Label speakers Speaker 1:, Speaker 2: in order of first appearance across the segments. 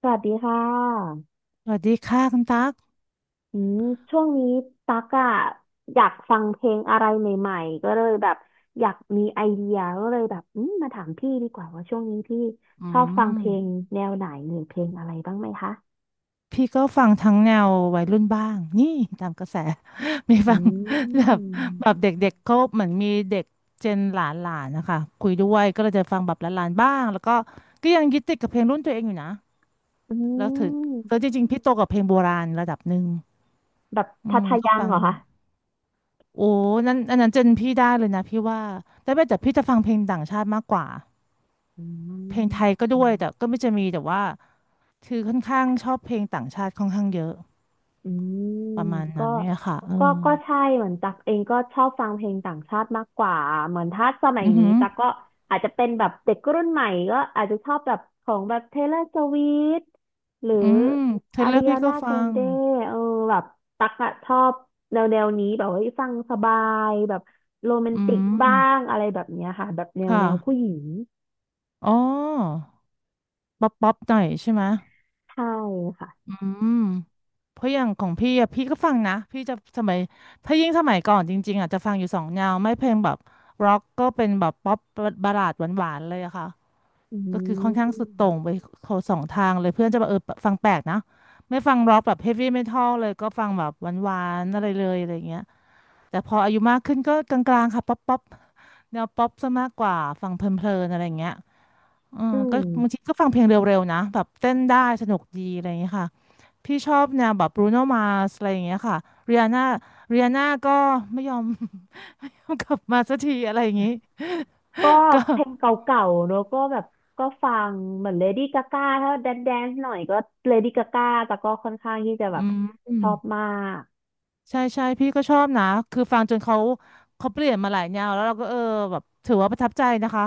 Speaker 1: สวัสดีค่ะ
Speaker 2: สวัสดีค่ะคุณตั๊ก
Speaker 1: อืมช่วงนี้ตั๊กอะอยากฟังเพลงอะไรใหม่ๆ ก็เลยแบบอยากมีไอเดียก็เลยแบบอืมมาถามพี่ดีกว่าว่าช่วงนี้พี่
Speaker 2: อื
Speaker 1: ชอบฟัง
Speaker 2: ม
Speaker 1: เพลงแนวไหนหรือเพลงอะไรบ้างไหมคะ
Speaker 2: พี่ก็ฟังทั้งแนววัยรุ่นบ้างนี่ตามกระแส มี
Speaker 1: อื
Speaker 2: ฟังแบบแบบ
Speaker 1: ม
Speaker 2: เด็กๆเขาเหมือนมีเด็กเจนหลานๆนะคะคุยด้วยก็เลยจะฟังแบบหลานๆบ้างแล้วก็ยังยึดติดกับเพลงรุ่นตัวเองอยู่นะ
Speaker 1: อื
Speaker 2: แล้วถึงแล้วจ
Speaker 1: ม
Speaker 2: ริงๆพี่โตกับเพลงโบราณระดับหนึ่ง
Speaker 1: แบบทัทา
Speaker 2: ก็
Speaker 1: ยัง
Speaker 2: ฟัง
Speaker 1: เหรอคะ
Speaker 2: โอ้นั้นอันนั้นเจนพี่ได้เลยนะพี่ว่าแต่พี่จะฟังเพลงต่างชาติมากกว่า
Speaker 1: อ
Speaker 2: เพลง
Speaker 1: ื
Speaker 2: ไทยก็ด้วยแต่
Speaker 1: ม
Speaker 2: ก็ไม่จะมีแต่ว่า คือค่อนข้างชอบเพลงต่างชาติค่อนข้างเยอะ
Speaker 1: อืม
Speaker 2: ประมาณ
Speaker 1: ก็
Speaker 2: นั้นเนี่ยค่ะเอ
Speaker 1: ก็
Speaker 2: อ
Speaker 1: ก็ใช่เหมือนตักเองก็ชอบฟังเพลงต่างชาติมากกว่า เหมือนถ้าสมัย
Speaker 2: อือ
Speaker 1: นี้
Speaker 2: หือ
Speaker 1: ตักก็อาจจะเป็นแบบเด็กรุ่นใหม่ก็อาจจะชอบแบบของแบบ Taylor Swift หรือ
Speaker 2: อืมเทเลอร์พี่
Speaker 1: Ariana
Speaker 2: ก็ฟัง
Speaker 1: Grande เออแบบตักอะชอบแนวนี้แบบว่าฟังสบายแบบโรแมน
Speaker 2: อื
Speaker 1: ติกบ้า
Speaker 2: ม
Speaker 1: งอะไรแบบเนี้ยค่ะแบบแน
Speaker 2: ค
Speaker 1: วแนวผู้
Speaker 2: ่ะ
Speaker 1: หญิง
Speaker 2: อ๋อ ป๊อปป๊อปหน่อยใช่ไหม
Speaker 1: ใช่ค่ะ
Speaker 2: อืมเพราะอย่างของพี่อะพี่ก็ฟังนะพี่จะสมัยถ้ายิ่งสมัยก่อนจริ
Speaker 1: อื
Speaker 2: ก็คือค่อนข้างสุดโต่ง
Speaker 1: ม
Speaker 2: ไปขสองทางเลยเพื่อนจะแบบเออฟังแปลกนะไม่ฟังร็อกแบบเฮฟวี่เมทัลเลยก็ฟังแบบหวานๆอะไรเลยอะไรเงี้ยแต่พออายุมากขึ้นก็กลางๆค่ะป๊อปป๊อปแนวป๊อปซะมากกว่าฟังเพลินๆอะไรเงี้ยเอื
Speaker 1: อื
Speaker 2: ก็
Speaker 1: ม
Speaker 2: บางทีก็ฟังเพลงเร็วๆนะแบบเต้นได้สนุกดีอะไรเงี้ยค่ะพี่ชอบแนวแบบบรูโนมาสอะไรอย่างเงี้ยค่ะเรียนาเรียนาก็ไม่ยอม กลับมาสักทีอะไรอย่างงี้
Speaker 1: ก็
Speaker 2: ก็
Speaker 1: เพลงเก่าๆแล้วก็แบบก็ฟังเหมือนเลดี้กาก้าถ้าแดนแดนหน่อยก็เลดี้กาก้าแต่ก็ค่อนข้างที่จะแบบ
Speaker 2: อื
Speaker 1: ช
Speaker 2: ม
Speaker 1: อบมาก
Speaker 2: ใช่ใช่พี่ก็ชอบนะคือฟังจนเขาเขาเปลี่ยนมาหลายแนวแล้วเราก็เออแบบถือว่าประทับใจนะคะ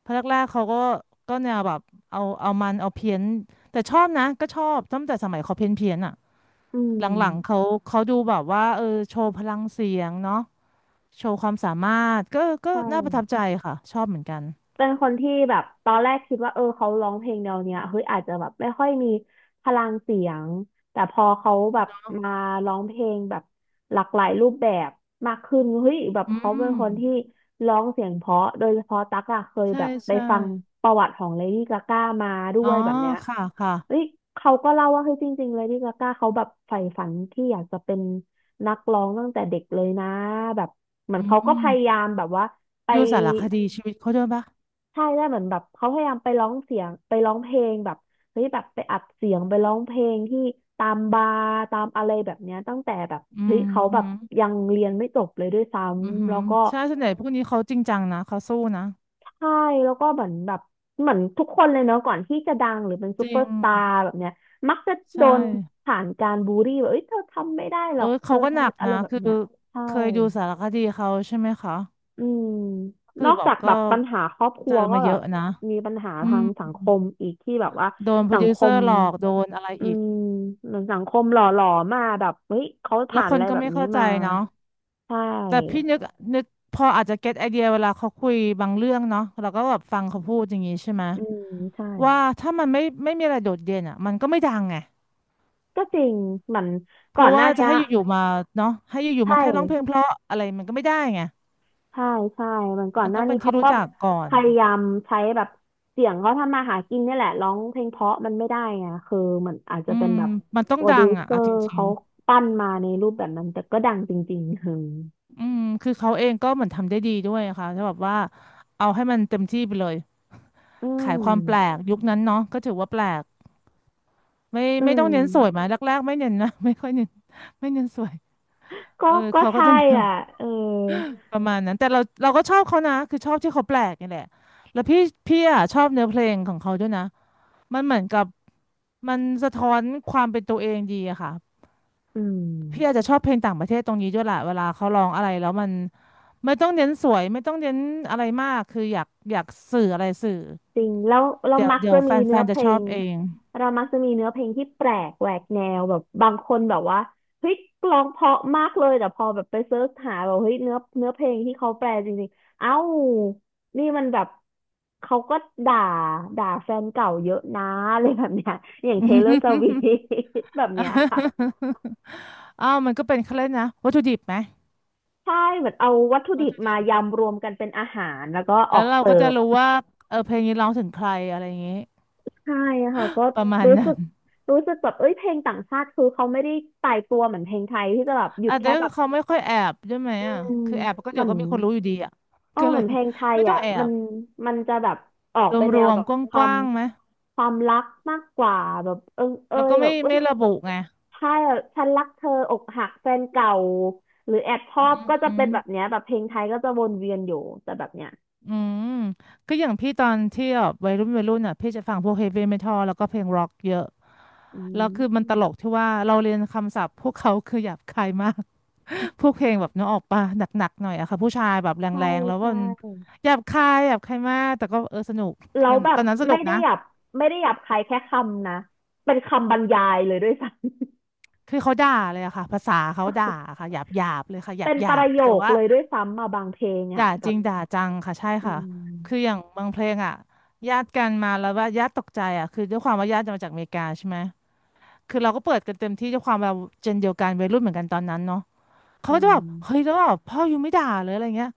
Speaker 2: เพราะแรกๆเขาก็แนวแบบเอาเอาเพี้ยนแต่ชอบนะก็ชอบตั้งแต่สมัยเขาเพี้ยนเพียนอ่ะ
Speaker 1: อื
Speaker 2: หลังๆ
Speaker 1: ม
Speaker 2: เขาดูแบบว่าเออโชว์พลังเสียงเนาะโชว์ความสามารถก็
Speaker 1: ใช่
Speaker 2: น่าประทับใจค่ะชอบเหมือนกัน
Speaker 1: เป็นคนที่แบบตอนแรกคิดว่าเออเขาร้องเพลงแนวเนี้ยเฮ้ยอาจจะแบบไม่ค่อยมีพลังเสียงแต่พอเขาแบบมาร้องเพลงแบบหลากหลายรูปแบบมากขึ้นเฮ้ยแบบ
Speaker 2: อื
Speaker 1: เขาเป็
Speaker 2: ม
Speaker 1: นคนที่ร้องเสียงเพราะโดยเฉพาะตั๊กอะเคย
Speaker 2: ใช่
Speaker 1: แบบไป
Speaker 2: ใช่
Speaker 1: ฟังประวัติของเลดี้กาก้ามาด้
Speaker 2: อ๋อ
Speaker 1: วยแบบเนี้ย
Speaker 2: ค่ะค่ะ
Speaker 1: เฮ้ยเขาก็เล่าว่าเฮ้ยจริงๆเลดี้กาก้าเขาแบบใฝ่ฝันที่อยากจะเป็นนักร้องตั้งแต่เด็กเลยนะแบบเหมือ
Speaker 2: อื
Speaker 1: นเขาก็พยายา
Speaker 2: ม
Speaker 1: มแบบว่าไป
Speaker 2: ดูสารคดีชีวิตเขาด้วยปะ
Speaker 1: ใช่ได้วเหมือนแบบเขาพยายามไปร้องเสียงไปร้องเพลงแบบเฮ้ยแบบไปอัดเสียงไปร้องเพลงที่ตามบาร์ตามอะไรแบบเนี้ยตั้งแต่แบบ
Speaker 2: อื
Speaker 1: เฮ้ยเขาแบบ
Speaker 2: ม
Speaker 1: ยังเรียนไม่จบเลยด้วยซ้
Speaker 2: อือหื
Speaker 1: ำแล้
Speaker 2: อ
Speaker 1: วก็
Speaker 2: ใช่ส่วนใหญ่พวกนี้เขาจริงจังนะเขาสู้นะ
Speaker 1: ใช่แล้วก็เหมือนแบบเหมือนทุกคนเลยเนาะก่อนที่จะดังหรือเป็นซู
Speaker 2: จริ
Speaker 1: เปอ
Speaker 2: ง
Speaker 1: ร์สตาร์แบบเนี้ยมักจะโด
Speaker 2: ใช่
Speaker 1: นผ่านการบูลลี่แบบเอ้ยเธอทำไม่ได้ห
Speaker 2: เอ
Speaker 1: ร
Speaker 2: อ
Speaker 1: อกเธ
Speaker 2: เขา
Speaker 1: อ
Speaker 2: ก็หนัก
Speaker 1: อะไร
Speaker 2: นะ
Speaker 1: แบบ
Speaker 2: คือ
Speaker 1: เนี้ยใช่
Speaker 2: เคยดูสารคดีเขาใช่ไหมคะ
Speaker 1: อืม
Speaker 2: คือ
Speaker 1: นอก
Speaker 2: แบบ
Speaker 1: จาก
Speaker 2: ก็
Speaker 1: แบบปัญหาครอบค
Speaker 2: เจ
Speaker 1: รั
Speaker 2: อ
Speaker 1: วก็
Speaker 2: มาเย
Speaker 1: แบบ
Speaker 2: อะนะ
Speaker 1: มีปัญหา
Speaker 2: อื
Speaker 1: ทา
Speaker 2: ม
Speaker 1: งสังคมอีกที่แบบว่า
Speaker 2: โดนโปร
Speaker 1: สัง
Speaker 2: ดิว
Speaker 1: ค
Speaker 2: เซอ
Speaker 1: ม
Speaker 2: ร์หลอกโดนอะไร
Speaker 1: อื
Speaker 2: อีก
Speaker 1: มเหมือนสังคมหล่อหลอมาแบบเฮ้ยเขา
Speaker 2: แล้ว
Speaker 1: ผ่าน
Speaker 2: ค
Speaker 1: อะ
Speaker 2: น
Speaker 1: ไร
Speaker 2: ก็
Speaker 1: แบบ
Speaker 2: ไม่
Speaker 1: นี้
Speaker 2: เข้าใจ
Speaker 1: มา
Speaker 2: เนาะ
Speaker 1: ใช
Speaker 2: แต่พี่
Speaker 1: ่
Speaker 2: นึกพออาจจะเก็ตไอเดียเวลาเขาคุยบางเรื่องเนาะเราก็แบบฟังเขาพูดอย่างนี้ใช่ไหม
Speaker 1: อืมใช่
Speaker 2: ว่าถ้ามันไม่มีอะไรโดดเด่นอ่ะมันก็ไม่ดังไง
Speaker 1: ก็จริงเหมือน
Speaker 2: เพ
Speaker 1: ก่อ
Speaker 2: ราะ
Speaker 1: นห
Speaker 2: ว่า
Speaker 1: น้า
Speaker 2: จะ
Speaker 1: เนี้ย
Speaker 2: ให้อยู่ๆมาเนาะให้อยู่ๆมา
Speaker 1: ใช่
Speaker 2: แค่ร้องเพลงเพราะอะไรมันก็ไม่ได้ไง
Speaker 1: ใช่ใช่เหมือนก่อ
Speaker 2: มั
Speaker 1: น
Speaker 2: น
Speaker 1: ห
Speaker 2: ต้
Speaker 1: น้า
Speaker 2: องเป็
Speaker 1: นี้
Speaker 2: นที่
Speaker 1: เขา
Speaker 2: รู้
Speaker 1: ก็
Speaker 2: จักก่อ
Speaker 1: พ
Speaker 2: น
Speaker 1: ยายามใช้แบบเสียงเขาทำมาหากินเนี่ยแหละร้องเพลงเพราะมันไม่ได้ไงคือเหมือนอาจจะ
Speaker 2: อื
Speaker 1: เป็น
Speaker 2: ม
Speaker 1: แบบ
Speaker 2: มันต้อ
Speaker 1: โป
Speaker 2: ง
Speaker 1: ร
Speaker 2: ดั
Speaker 1: ดิว
Speaker 2: งอ่ะ
Speaker 1: เซอ
Speaker 2: เอาจ
Speaker 1: ร์
Speaker 2: ริง
Speaker 1: เขาปั้นมาในรูปแบบนั้นแต่ก็ดังจริงๆคือ
Speaker 2: ๆอืมคือเขาเองก็เหมือนทำได้ดีด้วยอะค่ะถ้าแบบว่าเอาให้มันเต็มที่ไปเลย
Speaker 1: อื
Speaker 2: ขาย
Speaker 1: ม
Speaker 2: ความแปลกยุคนั้นเนาะก็ถือว่าแปลก
Speaker 1: อื
Speaker 2: ไม่ต้อง
Speaker 1: ม
Speaker 2: เน้นสวยมาแรกๆไม่เน้นนะ ไม่ค่อยเน้นไม่เน้นสวยเอ
Speaker 1: ก็
Speaker 2: อ
Speaker 1: ก็
Speaker 2: เขาก็
Speaker 1: ใช่
Speaker 2: จะ
Speaker 1: อ่ะเออ
Speaker 2: ประมาณนั้นแต่เราก็ชอบเขานะคือชอบที่เขาแปลกนี่แหละแล้วพี่อ่ะชอบเนื้อเพลงของเขาด้วยนะมันเหมือนกับมันสะท้อนความเป็นตัวเองดีอะค่ะ
Speaker 1: อื
Speaker 2: พี่อาจจะ
Speaker 1: ม
Speaker 2: ชอบเพลงต่างประเทศตรงนี้ด้วยแหละเวลาเขาร้องอะไรแล้วมันไม่ต้องเน้นสวยไม่ต้องเน้นอะไรมากคืออยากสื่ออะไรสื่อ
Speaker 1: จริงแล้วเรา
Speaker 2: เดี๋ยว
Speaker 1: มัก
Speaker 2: เดี๋ย
Speaker 1: จะ
Speaker 2: วแฟ
Speaker 1: มี
Speaker 2: นแฟ
Speaker 1: เนื้อ
Speaker 2: น
Speaker 1: เพ
Speaker 2: จะ
Speaker 1: ล
Speaker 2: ชอบ
Speaker 1: ง
Speaker 2: เอง
Speaker 1: เรามักจะมีเนื้อเพลงที่แปลกแหวกแนวแบบบางคนแบบว่าเฮ้ยร้องเพราะมากเลยแต่พอแบบไปเซิร์ชหาแบบเฮ้ยเนื้อเพลงที่เขาแปลจริงๆเอ้านี่มันแบบเขาก็ด่าด่าแฟนเก่าเยอะนะ อะไรแบบเนี้ยอย่างเทเลอร์สวิฟแบบเนี้ยค่ะ
Speaker 2: อ้าวมันก็เป็นเขาเล่นนะวัตถุดิบไหม
Speaker 1: ใช่เหมือนเอาวัตถุ
Speaker 2: วั
Speaker 1: ดิ
Speaker 2: ต
Speaker 1: บ
Speaker 2: ถุดิ
Speaker 1: มา
Speaker 2: บ
Speaker 1: ยำรวมกันเป็นอาหารแล้วก็อ
Speaker 2: แล้
Speaker 1: อ
Speaker 2: ว
Speaker 1: ก
Speaker 2: เรา
Speaker 1: เสิ
Speaker 2: ก็จะ
Speaker 1: ร์ฟ
Speaker 2: รู้ว่าเออเพลงนี้ร้องถึงใครอะไรอย่างงี้
Speaker 1: ใช่ค่ะก็
Speaker 2: ประมาณ
Speaker 1: รู้สึ
Speaker 2: นั้น
Speaker 1: กรู้สึกแบบเอ้ยเพลงต่างชาติคือเขาไม่ได้ตายตัวเหมือนเพลงไทยที่จะแบบหยุ
Speaker 2: อ่ะ
Speaker 1: ด
Speaker 2: เดี๋
Speaker 1: แค่
Speaker 2: ยว
Speaker 1: แบบ
Speaker 2: เขาไม่ค่อยแอบใช่ไหม
Speaker 1: อื
Speaker 2: อ่ะ
Speaker 1: ม
Speaker 2: คือแอบก็
Speaker 1: เห
Speaker 2: เดี๋
Speaker 1: มื
Speaker 2: ย
Speaker 1: อ
Speaker 2: ว
Speaker 1: น
Speaker 2: ก็มีคนรู้อยู่ดีอ่ะ
Speaker 1: เอ อ
Speaker 2: ก็เล
Speaker 1: เหมื
Speaker 2: ย
Speaker 1: อนเพลงไทย
Speaker 2: ไม่ต้อง
Speaker 1: อ่ะ
Speaker 2: แอ
Speaker 1: มั
Speaker 2: บ
Speaker 1: นมันจะแบบออกไป
Speaker 2: ร
Speaker 1: แนว
Speaker 2: วม
Speaker 1: แบบค
Speaker 2: ๆก
Speaker 1: วาม
Speaker 2: ว้างๆไหม
Speaker 1: ความรักมากกว่าแบบเอิงเอ
Speaker 2: แล้ว
Speaker 1: ย
Speaker 2: ก็
Speaker 1: แบ
Speaker 2: ไม่
Speaker 1: บเอ้
Speaker 2: ไม่
Speaker 1: ย
Speaker 2: ระบุไง
Speaker 1: ใช่อะฉันรักเธออกหักแฟนเก่าหรือแอบชอบก็จะ
Speaker 2: อื
Speaker 1: เป็นแบบเนี้
Speaker 2: ม
Speaker 1: ยแบบเพลงไทยก็จะวนเวียนอยู่แต่แบบเนี้ย
Speaker 2: อืม ก็อย่างพี่ตอนที่แบบวัยรุ่นอ่ะพี่จะฟังพวกเฮฟวี่เมทัลแล้วก็เพลงร็อกเยอะ
Speaker 1: อื
Speaker 2: แล้ว
Speaker 1: ม
Speaker 2: คือมันตลกที่ว่าเราเรียนคำศัพท์พวกเขาคือหยาบคายมาก พวกเพลงแบบนึกออกปะหนักๆหน่อยอะค่ะผู้ชายแบบแ
Speaker 1: ใช่
Speaker 2: รงๆแล้วมั
Speaker 1: ใช่
Speaker 2: นหยาบคายมากแต่ก็เออสนุก
Speaker 1: แล้วแบ
Speaker 2: ต
Speaker 1: บ
Speaker 2: อนนั้นสนุ
Speaker 1: ไม่
Speaker 2: ก
Speaker 1: ได้
Speaker 2: นะ
Speaker 1: หยาบไม่ได้หยาบคายแค่คำนะเป็นคำบรรยายเลยด้วยซ้ำ
Speaker 2: คือเขาด่าเลยอะค่ะภาษาเขาด่าค่ะหยาบเลยค่ะห ยา
Speaker 1: เป็
Speaker 2: บ
Speaker 1: น
Speaker 2: ห
Speaker 1: ป
Speaker 2: ยาบ
Speaker 1: ระโย
Speaker 2: แต่
Speaker 1: ค
Speaker 2: ว่า
Speaker 1: เลยด้วยซ้ำมาบางเพลง
Speaker 2: ด่า
Speaker 1: อ่ะแบ
Speaker 2: จริ
Speaker 1: บ
Speaker 2: งด่าจังค่ะใช่
Speaker 1: อื
Speaker 2: ค่ะคืออ
Speaker 1: ม
Speaker 2: ย่างบางเพลงอะญาติกันมาแล้วว่าญาติตกใจอะคือด้วยความว่าญาติมาจากอเมริกาใช่ไหมคือเราก็เปิดกันเต็มที่ด้วยความเราเจนเดียวกันวัยรุ่นเหมือนกันตอนนั้นเนาะเขา
Speaker 1: อื
Speaker 2: ก็จะ
Speaker 1: ม
Speaker 2: แบบเฮ้ยแล้วแบบพ่ออยู่ไม่ด่าเลยอะไรเงี้ย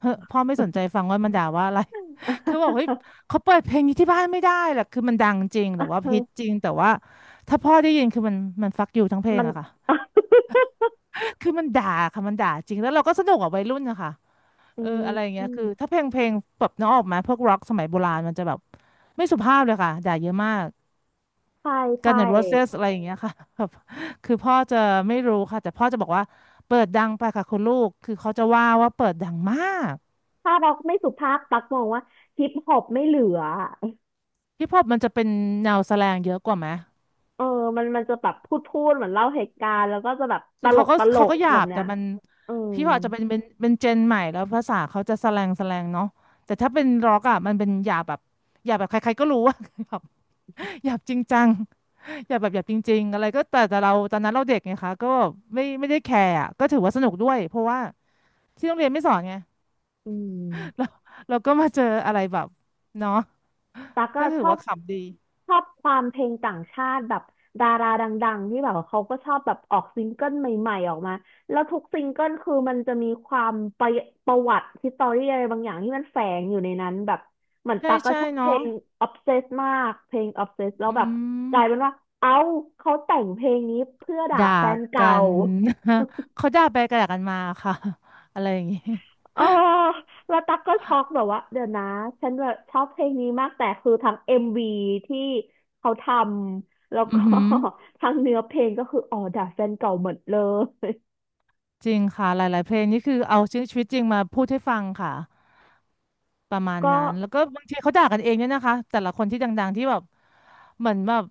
Speaker 2: เฮ้ยพ่อไม่สนใจฟังว่ามันด่าว่าอะไร คือบอกเฮ้ย เขาเปิดเพลงนี้ที่บ้านไม่ได้แหละคือมันดังจริงแต่ว่าฮิตจริงแต่ว่าถ้าพ่อได้ยินคือมันฟักอยู่ทั้งเพลง
Speaker 1: มัน
Speaker 2: อะค่ะ คือมันด่าค่ะมันด่าจริงแล้วเราก็สนุกอ่ะวัยรุ่นนะคะ
Speaker 1: อื
Speaker 2: เอออะไรอย่าง
Speaker 1: ม
Speaker 2: เงี้ยคือถ้าเพลงแบบน้องออกมาพวกร็อกสมัยโบราณมันจะแบบไม่สุภาพเลยค่ะด่าเยอะมาก
Speaker 1: ใช่
Speaker 2: กัน
Speaker 1: ใช่
Speaker 2: อย่างโรเซสอะไรอย่างเงี้ยค่ะแบบคือพ่อจะไม่รู้ค่ะแต่พ่อจะบอกว่าเปิดดังไปค่ะคุณลูกคือเขาจะว่าเปิดดังมาก
Speaker 1: ถ้าร็อกไม่สุภาพตักมองว่าฮิปฮอปไม่เหลือ
Speaker 2: ฮิปฮอปมันจะเป็นแนวแสแลงเยอะกว่าไหม
Speaker 1: เออมันมันจะแบบพูดเหมือนเล่าเหตุการณ์แล้วก็จะแบบต
Speaker 2: คือ
Speaker 1: ล
Speaker 2: เขา
Speaker 1: ก
Speaker 2: ก็
Speaker 1: ตล
Speaker 2: เขา
Speaker 1: ก
Speaker 2: ก็หยา
Speaker 1: แบบ
Speaker 2: บ
Speaker 1: เนี้
Speaker 2: แต่
Speaker 1: ย
Speaker 2: มัน
Speaker 1: อืม
Speaker 2: พี่พอปอาจจะเป็นเจนใหม่แล้วภาษาเขาจะแสแลงแสแลงเนาะแต่ถ้าเป็นร็อกอ่ะมันเป็นหยาบแบบหยาบแบบใครๆก็รู้ว่า หยาบจริงจัง หยาบแบบหยาบจริงๆอะไรก็แต่เราตอนนั้นเราเด็กไงคะก็ไม่ได้แคร์อะก็ถือว่าสนุกด้วยเพราะว่าที่โรงเรียนไม่สอนไง
Speaker 1: อื
Speaker 2: เรา
Speaker 1: ม
Speaker 2: เราก็มาเจออะไรแบบเนาะ
Speaker 1: ตั๊กก็
Speaker 2: ก็ถื
Speaker 1: ช
Speaker 2: อ
Speaker 1: อ
Speaker 2: ว่า
Speaker 1: บ
Speaker 2: ขำดี
Speaker 1: ชอบความเพลงต่างชาติแบบดาราดังๆที่แบบว่าเขาก็ชอบแบบออกซิงเกิลใหม่ๆออกมาแล้วทุกซิงเกิลคือมันจะมีความประประวัติฮิสตอรี่อะไรบางอย่างที่มันแฝงอยู่ในนั้นแบบเหมือน
Speaker 2: ใช่
Speaker 1: ตั๊กก็
Speaker 2: ใช่
Speaker 1: ชอบเพ
Speaker 2: เนาะ
Speaker 1: ลง Obsess มากเพลง Obsess แล้ว
Speaker 2: อื
Speaker 1: แบบก
Speaker 2: ม
Speaker 1: ลายเป็นว่าเอ้าเขาแต่งเพลงนี้เพื่อด่า
Speaker 2: ด่า
Speaker 1: แฟนเก่า
Speaker 2: กัน เขาด่าไปกระด่ากันมาค่ะ อะไรอย่างงี้
Speaker 1: เออแล้วตักก็ช็อกแบบว่าเดี๋ยวนะฉันแบบชอบเพลงนี้มากแต่คือทั้งเอ็มวีที่เขาทำแล้ว
Speaker 2: อื
Speaker 1: ก็
Speaker 2: อหือ
Speaker 1: ทั้งเนื้อเพลงก็คืออ๋อด่าแฟนเก่าหมดเลย
Speaker 2: จริงค่ะหลายๆเพลงนี่คือเอาชีวิตจริงมาพูดให้ฟังค่ะ ประมาณ
Speaker 1: ก็
Speaker 2: นั้นแล้วก็บางทีเขาด่ากันเองเนี่ยนะคะแต่ละคนที่ดังๆที่แบบเหมือนแบบ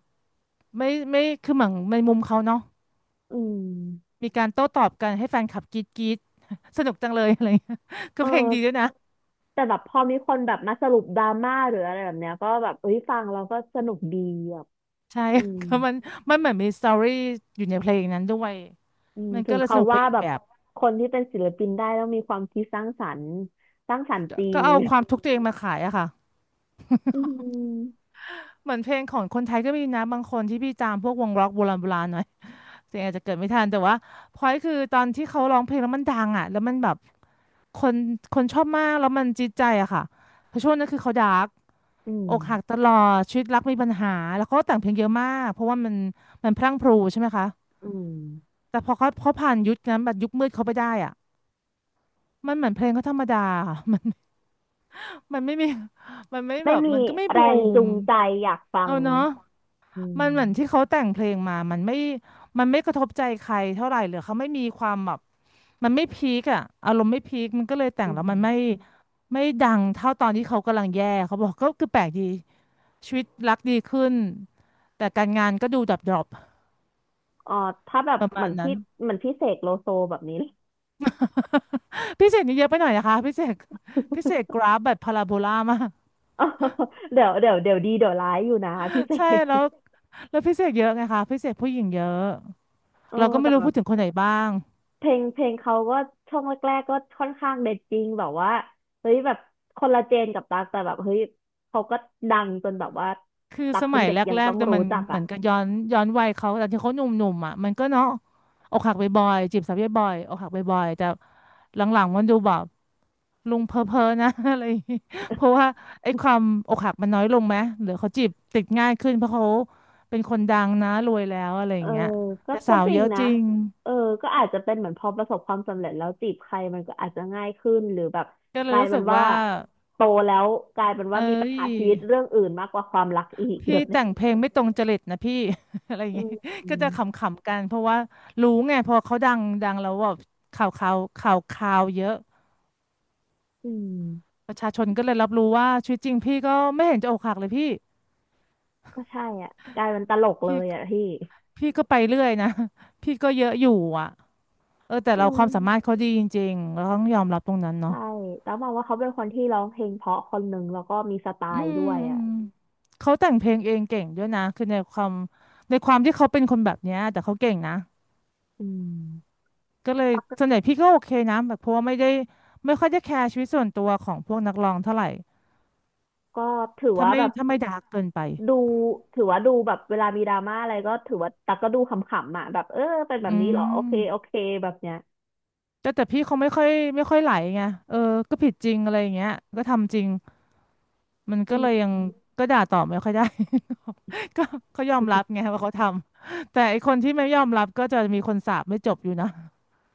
Speaker 2: ไม่คือเหมือนในมุมเขาเนาะ
Speaker 1: อืม
Speaker 2: มีการโต้ตอบกันให้แฟนคลับกรี๊ดกรี๊ด สนุกจังเลยอะไรเงี้ยก็
Speaker 1: เอ
Speaker 2: เพลง
Speaker 1: อ
Speaker 2: ดีด้วยนะ
Speaker 1: แต่แบบพอมีคนแบบมาสรุปดราม่าหรืออะไรแบบเนี้ยก็แบบเอ้ยฟังเราก็สนุกดีแบบ
Speaker 2: ใช่
Speaker 1: อืม
Speaker 2: ก็มันมันเหมือนมีสตอรี่อยู่ในเพลงนั้นด้วย
Speaker 1: อืม
Speaker 2: มัน
Speaker 1: ถึ
Speaker 2: ก็
Speaker 1: ง
Speaker 2: เลยส
Speaker 1: เขา
Speaker 2: นุกไป
Speaker 1: ว่า
Speaker 2: อีก
Speaker 1: แบบ
Speaker 2: แบบ
Speaker 1: คนที่เป็นศิลปินได้ต้องมีความคิดสร้างสรรค์สร้างสรรค์จริ
Speaker 2: ก็
Speaker 1: ง
Speaker 2: เอาความทุก ข์ตัวเองมาขายอะค่ะ
Speaker 1: อืม
Speaker 2: เหมือนเพลงของคนไทยก็มีนะบางคนที่พี่ตามพวกวงร็อกโบราณโบราณหน่อย เสียงอาจจะเกิดไม่ทันแต่ว่าพอยคือตอนที่เขาร้องเพลงแล้วมันดังอ่ะแล้วมันแบบคนคนชอบมากแล้วมันจิตใจอะค่ะเพราะช่วงนั้นคือเขาดาร์ก
Speaker 1: อื
Speaker 2: อกหักต
Speaker 1: ม
Speaker 2: ลอดชีวิตรักมีปัญหาแล้วเขาก็แต่งเพลงเยอะมากเพราะว่ามันพรั่งพรูใช่ไหมคะ
Speaker 1: อืม
Speaker 2: แต่พอเขาผ่านยุคนั้นแบบยุคมืดเขาไปได้อ่ะมันเหมือนเพลงเขาธรรมดา ค่ะมันมันไม่มีมันไม่แบ
Speaker 1: ไม่
Speaker 2: บมั
Speaker 1: มี
Speaker 2: นก็ไม่
Speaker 1: แร
Speaker 2: บู
Speaker 1: งจู
Speaker 2: ม
Speaker 1: งใจอยากฟั
Speaker 2: เอา
Speaker 1: ง
Speaker 2: เนาะ
Speaker 1: อื
Speaker 2: มันเหมือนที่
Speaker 1: ม
Speaker 2: เขาแต่งเพลงมามันไม่มันไม่กระทบใจใครเท่าไหร่หรือเขาไม่มีความแบบมันไม่พีคอะอารมณ์ไม่พีคมันก็เลยแต่
Speaker 1: อื
Speaker 2: งแล้วมันไม่
Speaker 1: ม
Speaker 2: ไม่ดังเท่าตอนที่เขากำลังแย่เขาบอกก็คือแปลกดีชีวิตรักดีขึ้นแต่การงานก็ดูดับดรอป
Speaker 1: อ๋อถ้าแบบ
Speaker 2: ประ
Speaker 1: เห
Speaker 2: มา
Speaker 1: มื
Speaker 2: ณ
Speaker 1: อน
Speaker 2: นั้
Speaker 1: พี่
Speaker 2: น
Speaker 1: เหมือนพี่เสกโลโซแบบนี้ เลย
Speaker 2: พิเศษนี่เยอะไปหน่อยนะคะพิเศษพิเศษกราฟแบบพาราโบลามาก
Speaker 1: อ๋อเดี๋ยวดีเดี๋ยวร้ายอยู่นะพี่เส
Speaker 2: ใช่แล้
Speaker 1: ก
Speaker 2: วแล้วพิเศษเยอะไงคะพิเศษผู้หญิงเยอะ
Speaker 1: เออ
Speaker 2: เราก็ไม่
Speaker 1: แต่
Speaker 2: รู้
Speaker 1: แบ
Speaker 2: พู
Speaker 1: บ
Speaker 2: ดถึงคนไหนบ้าง
Speaker 1: เพลงเขาก็ช่วงแรกๆก็ค่อนข้างเด็ดจริงแบบว่าเฮ้ยแบบคนละเจนกับตั๊กแต่แบบเฮ้ยเขาก็ดังจนแบบว่า
Speaker 2: คือ
Speaker 1: ตั๊ก
Speaker 2: ส
Speaker 1: เป็
Speaker 2: มั
Speaker 1: น
Speaker 2: ย
Speaker 1: เด็ก
Speaker 2: แร
Speaker 1: ยัง
Speaker 2: ก
Speaker 1: ต้อ
Speaker 2: ๆ
Speaker 1: ง
Speaker 2: แต่ย
Speaker 1: รู้
Speaker 2: มัน
Speaker 1: จัก
Speaker 2: เหมื
Speaker 1: อ่ะ
Speaker 2: อนกับย้อนวัยเขาแต่ที่เขาหนุ่มๆอ่ะมันก็เนาะอกหักบ่อยๆจีบสาวบ่อยๆอกหักบ่อยๆแต่หลังๆมันดูแบบลุงเพ้อเพ้อนะ อะไรอย่างงี้เพราะว่าไอ้ความอกหักมันน้อยลงไหมหรือเขาจีบติดง่ายขึ้นเพราะเขาเป็นคนดังนะรวยแล้วอะไรอ
Speaker 1: เอ
Speaker 2: ย่า
Speaker 1: อ
Speaker 2: งเงี้ย
Speaker 1: ก็
Speaker 2: แต่
Speaker 1: ก็
Speaker 2: สาว
Speaker 1: จ
Speaker 2: เย
Speaker 1: ริง
Speaker 2: อะ
Speaker 1: นะ
Speaker 2: จริง
Speaker 1: เออก็อาจจะเป็นเหมือนพอประสบความสำเร็จแล้วจีบใครมันก็อาจจะง่ายขึ้นหรือแบบ
Speaker 2: ก็เล
Speaker 1: ก
Speaker 2: ย
Speaker 1: ลาย
Speaker 2: รู้
Speaker 1: เป็
Speaker 2: สึ
Speaker 1: น
Speaker 2: ก
Speaker 1: ว่า
Speaker 2: ว่า
Speaker 1: โตแล้วกลายเป็นว่า
Speaker 2: เอ้
Speaker 1: มีปัญ
Speaker 2: ย
Speaker 1: หาชีวิตเรื่องอื่นมากกว่าความรักอีก
Speaker 2: พี่
Speaker 1: แบบเนี้
Speaker 2: แต่
Speaker 1: ย
Speaker 2: งเพลงไม่ตรงจริตนะพี่ อะไรอย่า ง
Speaker 1: อื
Speaker 2: งี้
Speaker 1: ม
Speaker 2: ก็จะขำๆกันเพราะว่ารู้ไงพอเขาดังดังแล้วแบบข่าวเยอะ
Speaker 1: อืม
Speaker 2: ประชาชนก็เลยรับรู้ว่าชีวิตจริงพี่ก็ไม่เห็นจะอกหักเลยพี่
Speaker 1: ก็ใช่อ่ะกลายเป็นตลกเล
Speaker 2: พี่
Speaker 1: ยอ่ะพี่
Speaker 2: พี่ก็ไปเรื่อยนะ พี่ก็เยอะอยู่อ่ะเออแต่
Speaker 1: อื
Speaker 2: เราความสามารถ
Speaker 1: ม
Speaker 2: เขาดีจริงๆเราต้องยอมรับตรงนั้น
Speaker 1: ใช่
Speaker 2: เนาะ
Speaker 1: แล้วมองว่าเขาเป็นคนที่ร้องเพลงเพราะคนหนึ่งแล้วก็มีสไต
Speaker 2: อื
Speaker 1: ล์
Speaker 2: ม
Speaker 1: ด้วย
Speaker 2: อื
Speaker 1: อ่ะ
Speaker 2: มเขาแต่งเพลงเองเก่งด้วยนะคือในความในความที่เขาเป็นคนแบบเนี้ยแต่เขาเก่งนะ
Speaker 1: อืม
Speaker 2: ก็เลยส่วนใหญ่พี่ก็โอเคนะแบบเพราะว่าไม่ได้ไม่ค่อยได้แคร์ชีวิตส่วนตัวของพวกนักร้องเท่าไหร่
Speaker 1: ก็ถือ
Speaker 2: ถ้า
Speaker 1: ว่า
Speaker 2: ไม่
Speaker 1: แบบ
Speaker 2: ถ้าไม่ดาร์กเกินไป
Speaker 1: ดูถือว่าดูแบบเวลามีดราม่าอะไรก็ถือว่าตักก็ดูขำๆอ่ะแบบเออเป็นแบบ
Speaker 2: อื
Speaker 1: นี้เหรอโอเค
Speaker 2: ม
Speaker 1: โอเคแบบเนี้ย
Speaker 2: แต่แต่พี่เขาไม่ค่อยไหลไงเออก็ผิดจริงอะไรอย่างเงี้ยก็ทำจริงมัน
Speaker 1: อื
Speaker 2: ก็เลย
Speaker 1: ม
Speaker 2: ยังก็ด่าตอบไม่ค่อยได้ ก็เขายอมรับไงว่าเขาทำแต่ไอคนที่ไม่ยอมรับก็จะมีคนสาปไม่จบอยู่นะ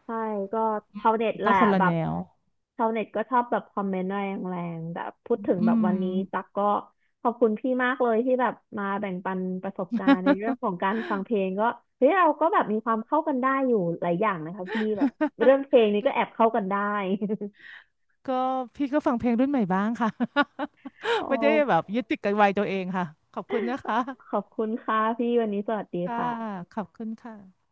Speaker 1: ใช่ก็ชาวเน็ตแห
Speaker 2: ก็
Speaker 1: ละ
Speaker 2: คนละ
Speaker 1: แบ
Speaker 2: แน
Speaker 1: บ
Speaker 2: ว
Speaker 1: ชาวเน็ตก็ชอบแบบคอมเมนต์แรงๆแบบพูดถึง
Speaker 2: อื
Speaker 1: แบบ
Speaker 2: ม
Speaker 1: วันนี้ตักก็ขอบคุณพี่มากเลยที่แบบมาแบ่งปันประสบการณ์ในเรื่องของการฟังเพลงก็เฮ้ยเราก็แบบมีความเข้ากันได้อยู่หลายอย่างนะคะพี่แบบ เรื่องเพลงนี้ก็แอบเข้ากันได้
Speaker 2: ก็พี่ก็ฟังเพลงรุ่นใหม่บ้างค่ะ
Speaker 1: โอ้
Speaker 2: ไม่ได้แบบยึดติดกับวัยตัวเองค่ะขอบคุณนะคะ
Speaker 1: ขอบคุณค่ะพี่วันนี้สวัสดี
Speaker 2: ค่ะ
Speaker 1: ค่ะ
Speaker 2: ขอบคุณค่ะ